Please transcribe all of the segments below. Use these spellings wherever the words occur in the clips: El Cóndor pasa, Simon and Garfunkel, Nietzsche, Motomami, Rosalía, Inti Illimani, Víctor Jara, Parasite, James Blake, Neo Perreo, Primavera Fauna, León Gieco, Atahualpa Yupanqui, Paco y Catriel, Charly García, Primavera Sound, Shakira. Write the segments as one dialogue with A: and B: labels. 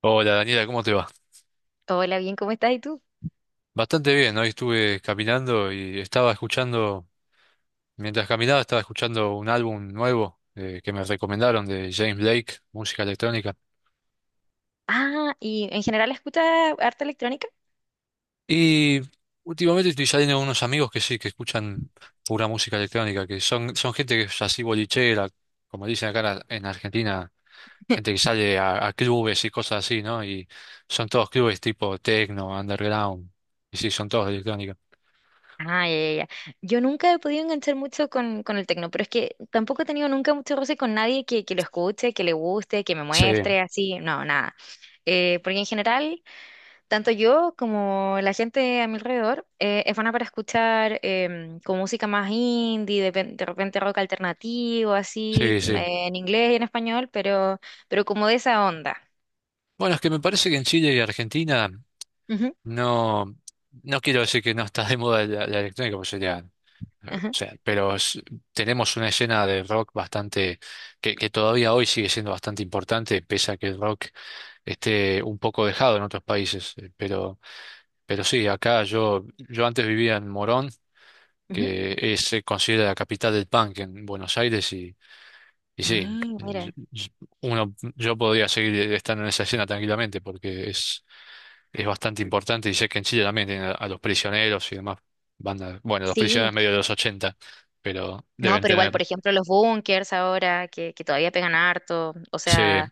A: Hola Daniela, ¿cómo te va?
B: Hola, bien, ¿cómo estás? ¿Y tú?
A: Bastante bien, hoy estuve caminando y estaba escuchando, mientras caminaba estaba escuchando un álbum nuevo que me recomendaron de James Blake, música electrónica.
B: Ah, ¿y en general escuchas arte electrónica?
A: Y últimamente estoy saliendo con unos amigos que sí, que escuchan pura música electrónica, que son gente que es así bolichera, como dicen acá en en Argentina, gente que sale a clubes y cosas así, ¿no? Y son todos clubes tipo techno, underground, y sí, son todos de electrónica.
B: Ah, ya, ya, ya. Yo nunca he podido enganchar mucho con el tecno, pero es que tampoco he tenido nunca mucho roce con nadie que lo escuche, que le guste, que me
A: Sí,
B: muestre, así, no, nada. Porque en general, tanto yo como la gente a mi alrededor es buena para escuchar con música más indie, de repente rock alternativo, así,
A: sí, sí.
B: en inglés y en español, pero como de esa onda.
A: Bueno, es que me parece que en Chile y Argentina
B: Ujú,
A: no, no quiero decir que no está de moda la electrónica, pues sería, o
B: ajá,
A: sea, tenemos una escena de rock bastante, que todavía hoy sigue siendo bastante importante, pese a que el rock esté un poco dejado en otros países. Pero sí, acá yo antes vivía en Morón,
B: ujú.
A: que es, se considera la capital del punk en Buenos Aires, y sí,
B: Mm,
A: eh, y-
B: mira,
A: y uno, yo podría seguir estando en esa escena tranquilamente, porque es bastante importante y sé que en Chile también tienen a los prisioneros y demás bandas. Bueno, los
B: sí,
A: prisioneros medio de los 80 pero
B: no,
A: deben
B: pero
A: tener.
B: igual, por ejemplo, los bunkers ahora que todavía pegan harto, o
A: Sí,
B: sea,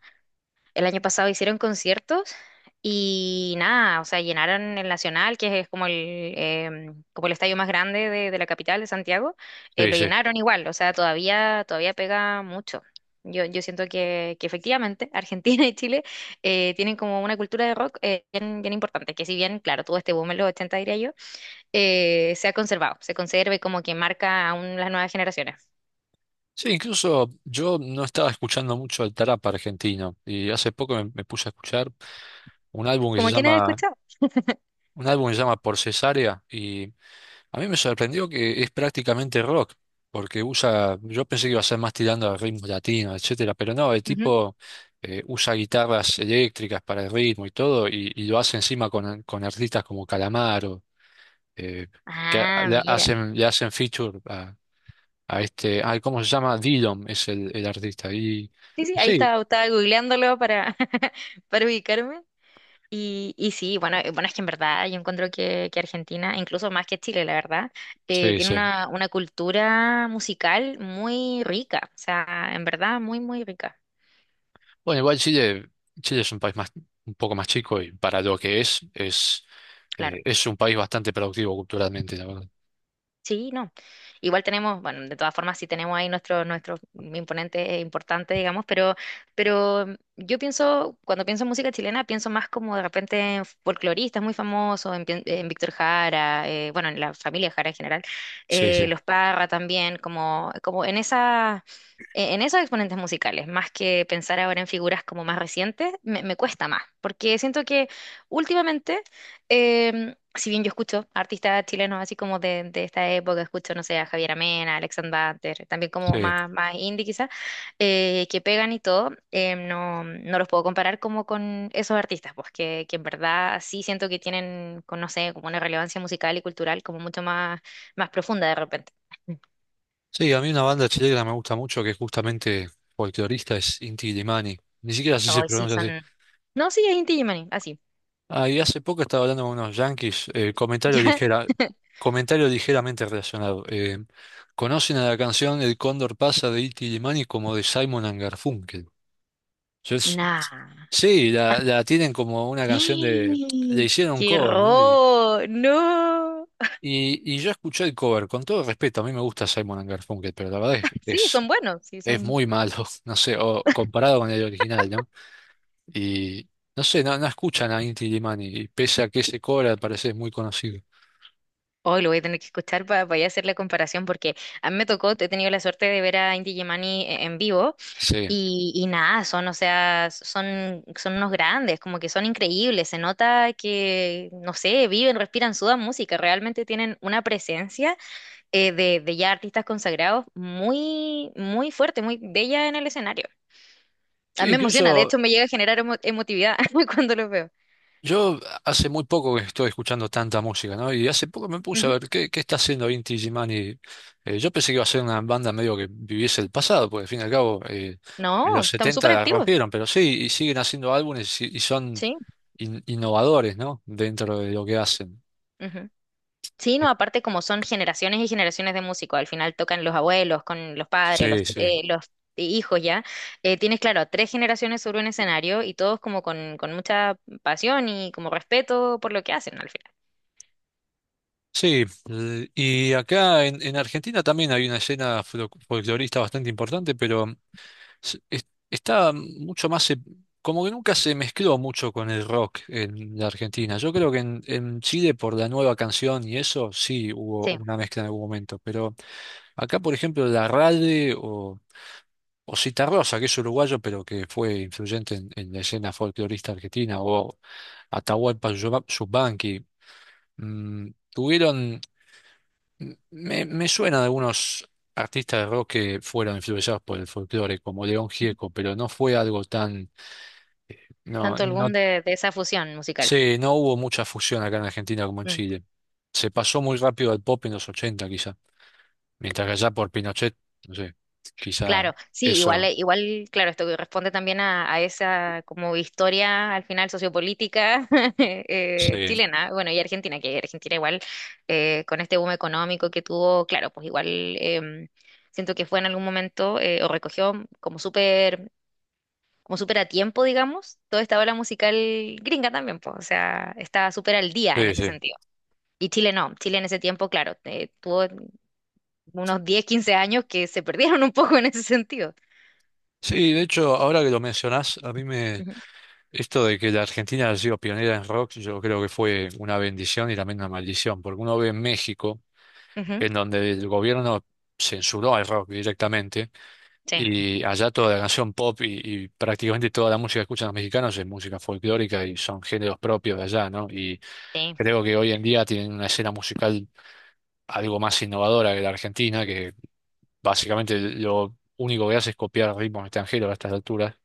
B: el año pasado hicieron conciertos y nada, o sea, llenaron el Nacional, que es como el estadio más grande de la capital de Santiago,
A: sí,
B: lo
A: sí.
B: llenaron igual, o sea, todavía pega mucho. Yo siento que efectivamente Argentina y Chile tienen como una cultura de rock bien, bien importante, que si bien, claro, tuvo este boom en los 80, diría yo, se ha conservado, se conserva como que marca aún las nuevas generaciones.
A: Sí, incluso yo no estaba escuchando mucho el trap argentino y hace poco me puse a escuchar un álbum que se
B: Como quienes han
A: llama,
B: escuchado.
A: un álbum que se llama Por Cesárea a mí me sorprendió que es prácticamente rock, porque usa, yo pensé que iba a ser más tirando a ritmos latinos, etcétera, pero no, el
B: Ujú.
A: tipo usa guitarras eléctricas para el ritmo y todo, y lo hace encima con artistas como Calamaro, eh,
B: Ah, mira.
A: le hacen feature a este, ay, ¿cómo se llama? Dillom es el artista. Y
B: Sí, sí, ahí
A: sí,
B: estaba googleándolo para, para ubicarme. Y sí, bueno, es que en verdad yo encuentro que Argentina, incluso más que Chile, la verdad,
A: sí,
B: tiene
A: sí.
B: una cultura musical muy rica, o sea, en verdad muy, muy rica,
A: Bueno, igual Chile, Chile es un país más, un poco más chico y para lo que
B: claro.
A: es un país bastante productivo culturalmente, la verdad.
B: Sí, no. Igual tenemos, bueno, de todas formas sí tenemos ahí nuestros imponentes importantes, digamos, pero, yo pienso, cuando pienso en música chilena, pienso más como de repente en folcloristas muy famosos, en Víctor Jara, bueno, en la familia Jara en general,
A: Sí, sí,
B: los Parra también, como en esa... En esos exponentes musicales, más que pensar ahora en figuras como más recientes, me cuesta más, porque siento que últimamente si bien yo escucho artistas chilenos así como de esta época, escucho, no sé, a Javier Amena, Alexandre Banter, también como
A: sí.
B: más, más indie quizás, que pegan y todo, no, no los puedo comparar como con esos artistas, pues que en verdad sí siento que tienen, con, no sé, como una relevancia musical y cultural como mucho más, más profunda de repente.
A: Sí, a mí una banda chilena me gusta mucho que es justamente folclorista es Inti Illimani. Ni siquiera sé si se
B: Ay, sí,
A: pronuncia
B: son...
A: así.
B: No, sí, es Inti Illimani, así.
A: Ah, y hace poco estaba hablando con unos yanquis,
B: ¿Ya?
A: comentario ligeramente relacionado. Conocen a la canción El Cóndor pasa de Inti Illimani como de Simon and Garfunkel. Yo es-
B: Nah.
A: sí, la tienen como una canción de... Le hicieron un
B: ¡Qué
A: cover, ¿no?
B: horror! ¡No!
A: Y yo escuché el cover, con todo respeto, a mí me gusta Simon and Garfunkel, pero la verdad
B: Sí, son buenos, sí,
A: es
B: son...
A: muy malo, no sé, o comparado con el original, ¿no? Y no sé, no, no escuchan a Inti Illimani, y pese a que ese cobra al parecer es muy conocido.
B: Hoy lo voy a tener que escuchar para ya hacer la comparación porque a mí me tocó, he tenido la suerte de ver a Inti Illimani en vivo
A: Sí.
B: y nada, son, o sea, son unos grandes, como que son increíbles, se nota que, no sé, viven, respiran, sudan música, realmente tienen una presencia de ya artistas consagrados muy, muy fuerte, muy bella en el escenario. A
A: Sí,
B: mí me emociona, de
A: incluso
B: hecho me llega a generar emotividad cuando los veo.
A: yo hace muy poco que estoy escuchando tanta música, ¿no? Y hace poco me puse a
B: Ujú.
A: ver qué, qué está haciendo Inti Illimani. Yo pensé que iba a ser una banda medio que viviese el pasado, porque al fin y al cabo en
B: No,
A: los
B: estamos
A: 70
B: súper
A: la
B: activos,
A: rompieron, pero sí, y siguen haciendo álbumes y son
B: sí.
A: innovadores, ¿no? Dentro de lo que hacen.
B: Ujú. Sí, no, aparte como son generaciones y generaciones de músicos, al final tocan los abuelos, con los padres, los,
A: Sí, sí.
B: eh, los hijos ya, tienes claro a tres generaciones sobre un escenario y todos como con mucha pasión y como respeto por lo que hacen al final.
A: Sí, y acá en Argentina también hay una escena folclorista bastante importante, pero está mucho más, como que nunca se mezcló mucho con el rock en la Argentina. Yo creo que en Chile por la nueva canción y eso sí hubo
B: Sí,
A: una mezcla en algún momento, pero acá por ejemplo la Rade o Citarrosa, que es uruguayo pero que fue influyente en la escena folclorista argentina, o Atahualpa Yupanqui, mm, tuvieron Me, me suena de algunos artistas de rock que fueron influenciados por el folclore, como León
B: ujú.
A: Gieco, pero no fue algo tan... No,
B: Tanto el
A: no,
B: boom de esa fusión musical.
A: sí, no hubo mucha fusión acá en Argentina como en
B: Mm.
A: Chile. Se pasó muy rápido al pop en los 80 quizá, mientras que allá por Pinochet, no sé, quizá
B: Claro, sí, igual,
A: eso.
B: eh, igual, claro, esto que responde también a esa como historia al final sociopolítica
A: Sí,
B: chilena, bueno, y Argentina, que Argentina igual con este boom económico que tuvo, claro, pues igual em, siento que fue en algún momento o recogió como súper, como súper a tiempo, digamos, toda esta ola musical gringa también, pues, o sea, está súper al día en
A: sí,
B: ese
A: sí.
B: sentido. Y Chile no, Chile en ese tiempo, claro, tuvo unos 10, 15 años que se perdieron un poco en ese sentido.
A: Sí, de hecho, ahora que lo mencionás, a mí me...
B: Ujú,
A: Esto de que la Argentina ha sido pionera en rock, yo creo que fue una bendición y también una maldición, porque uno ve en México
B: ujú.
A: en donde el gobierno censuró al rock directamente
B: Sí,
A: y allá toda la canción pop y prácticamente toda la música que escuchan los mexicanos es música folclórica y son géneros propios de allá, ¿no? Y
B: sí,
A: creo que hoy en día tienen una escena musical algo más innovadora que la argentina, que básicamente lo único que hace es copiar ritmos extranjeros a estas alturas,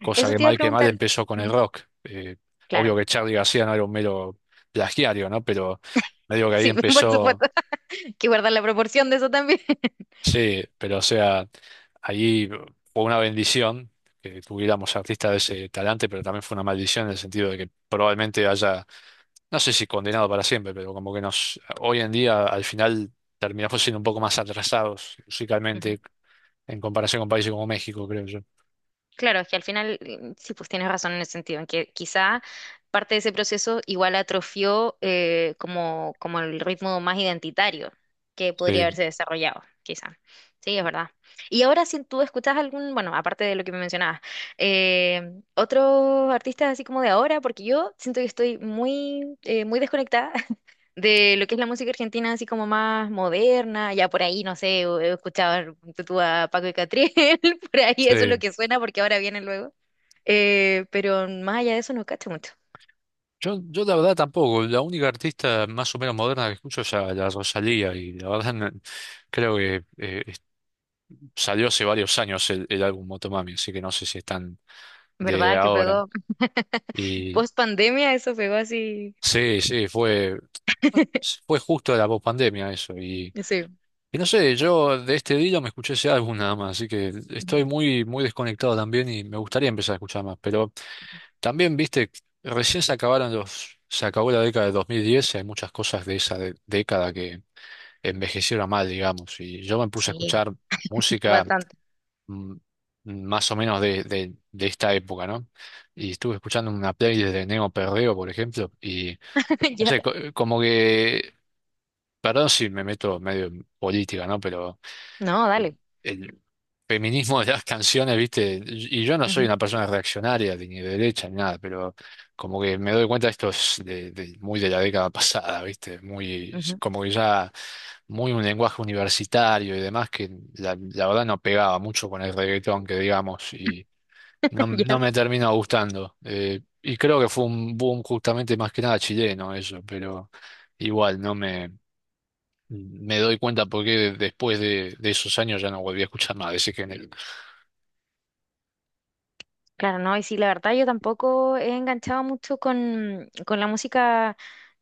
A: cosa
B: eso te iba a
A: que mal
B: preguntar.
A: empezó con el
B: Ujú.
A: rock. Obvio
B: Claro.
A: que Charly García no era un mero plagiario, ¿no? Pero medio que ahí
B: Sí, por
A: empezó.
B: supuesto. Que guardar la proporción de eso también.
A: Sí, pero o sea, allí fue una bendición que tuviéramos artistas de ese talante, pero también fue una maldición en el sentido de que probablemente haya, no sé si condenado para siempre, pero como que nos, hoy en día al final terminamos siendo un poco más atrasados
B: Ujú.
A: musicalmente en comparación con países como México, creo yo.
B: Claro, es que al final, sí, pues tienes razón en el sentido, en que quizá parte de ese proceso igual atrofió como el ritmo más identitario que podría
A: Sí,
B: haberse desarrollado, quizá. Sí, es verdad. Y ahora si tú escuchas algún, bueno, aparte de lo que me mencionabas, eh, otros artistas así como de ahora, porque yo siento que estoy muy desconectada de lo que es la música argentina, así como más moderna, ya por ahí, no sé, he escuchado tú a Paco y Catriel, por ahí eso es lo
A: sí.
B: que suena porque ahora viene luego. Pero más allá de eso no cacho mucho.
A: Yo la verdad tampoco, la única artista más o menos moderna que escucho es a la Rosalía y la verdad creo que salió hace varios años el álbum Motomami, así que no sé si están de
B: ¿Verdad que
A: ahora.
B: pegó?
A: Y
B: Post pandemia eso pegó así.
A: sí, sí, fue, fue justo la pospandemia eso.
B: Sí.
A: Y no sé, yo de este Dilo me escuché ese álbum nada más, así que
B: Ujú.
A: estoy muy, muy desconectado también y me gustaría empezar a escuchar más. Pero también, viste, recién se acabaron los, se acabó la década de 2010 y hay muchas cosas de esa década que envejecieron mal, digamos. Y yo me puse a
B: Sí,
A: escuchar música
B: bastante.
A: mm, más o menos de esta época, ¿no? Y estuve escuchando una playlist de Neo Perreo, por ejemplo, no
B: Ya.
A: sé, como que, perdón si me meto medio en política, ¿no? Pero
B: No,
A: eh,
B: dale.
A: el feminismo de las canciones, ¿viste? Y yo no soy
B: Ujú,
A: una persona reaccionaria, ni de derecha, ni nada, pero como que me doy cuenta de esto es de, muy de la década pasada, ¿viste? Muy,
B: ujú.
A: como que ya, muy un lenguaje universitario y demás que la verdad no pegaba mucho con el reggaetón, que digamos, no, no
B: Ya.
A: me terminó gustando. Y creo que fue un boom justamente más que nada chileno eso, pero igual no me, me doy cuenta porque después de esos años ya no volví a escuchar más de ese género.
B: Claro, no, y sí, la verdad yo tampoco he enganchado mucho con la música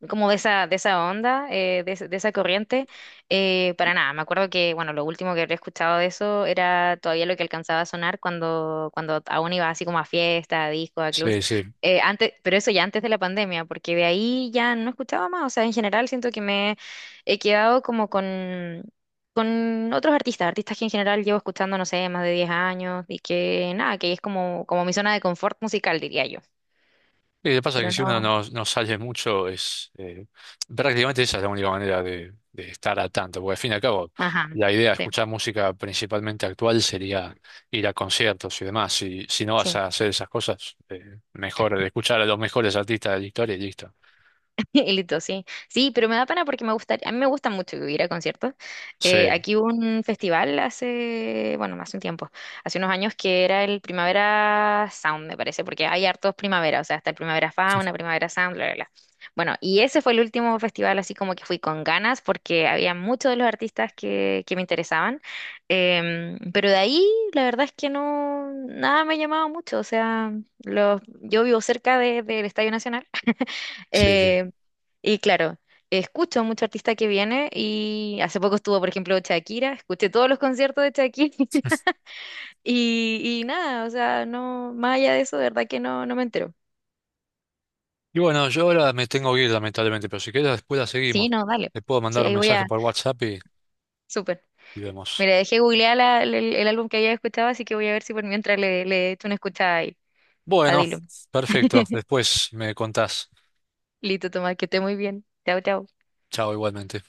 B: como de esa onda, de esa corriente, para nada. Me acuerdo que, bueno, lo último que había escuchado de eso era todavía lo que alcanzaba a sonar cuando aún iba así como a fiesta, a discos, a clubs.
A: Sí, sí.
B: Antes, pero eso ya antes de la pandemia, porque de ahí ya no escuchaba más. O sea, en general siento que me he quedado como con otros artistas que en general llevo escuchando, no sé, más de 10 años y que nada, que es como mi zona de confort musical, diría yo.
A: Y lo que pasa es que
B: Pero
A: si uno
B: no,
A: no sale mucho, es prácticamente esa es la única manera de estar a tanto, porque al fin y al cabo
B: ajá,
A: la idea de
B: sí,
A: escuchar música principalmente actual sería ir a conciertos y demás. Si, si no vas
B: sí.
A: a hacer esas cosas, mejor escuchar a los mejores artistas de la historia y listo.
B: Y listo, sí. Sí, pero me da pena porque me gusta, a mí me gusta mucho ir a conciertos. Eh,
A: Sí,
B: aquí hubo un festival hace, bueno, hace un tiempo, hace unos años que era el Primavera Sound, me parece, porque hay hartos primavera, o sea, está el Primavera Fauna, Primavera Sound, bla, bla, bla. Bueno, y ese fue el último festival así como que fui con ganas porque había muchos de los artistas que me interesaban. Pero de ahí la verdad es que no, nada me llamaba mucho, o sea, yo vivo cerca del Estadio Nacional.
A: sí, sí.
B: Y claro, escucho mucho artista que viene y hace poco estuvo, por ejemplo, Shakira, escuché todos los conciertos de Shakira y nada, o sea, no, más allá de eso, de verdad que no, no me entero.
A: Y bueno, yo ahora me tengo que ir lamentablemente, pero si querés después la
B: Sí,
A: seguimos.
B: no, dale.
A: Te puedo
B: Sí,
A: mandar un
B: ahí voy
A: mensaje
B: a...
A: por WhatsApp
B: Súper.
A: y vemos.
B: Mira, dejé googlear el álbum que había escuchado, así que voy a ver si por mientras le echo una escuchada ahí. A
A: Bueno,
B: Dilo.
A: perfecto. Después me contás.
B: Listo, Tomás, que esté muy bien. Chao, chao.
A: Chao igualmente.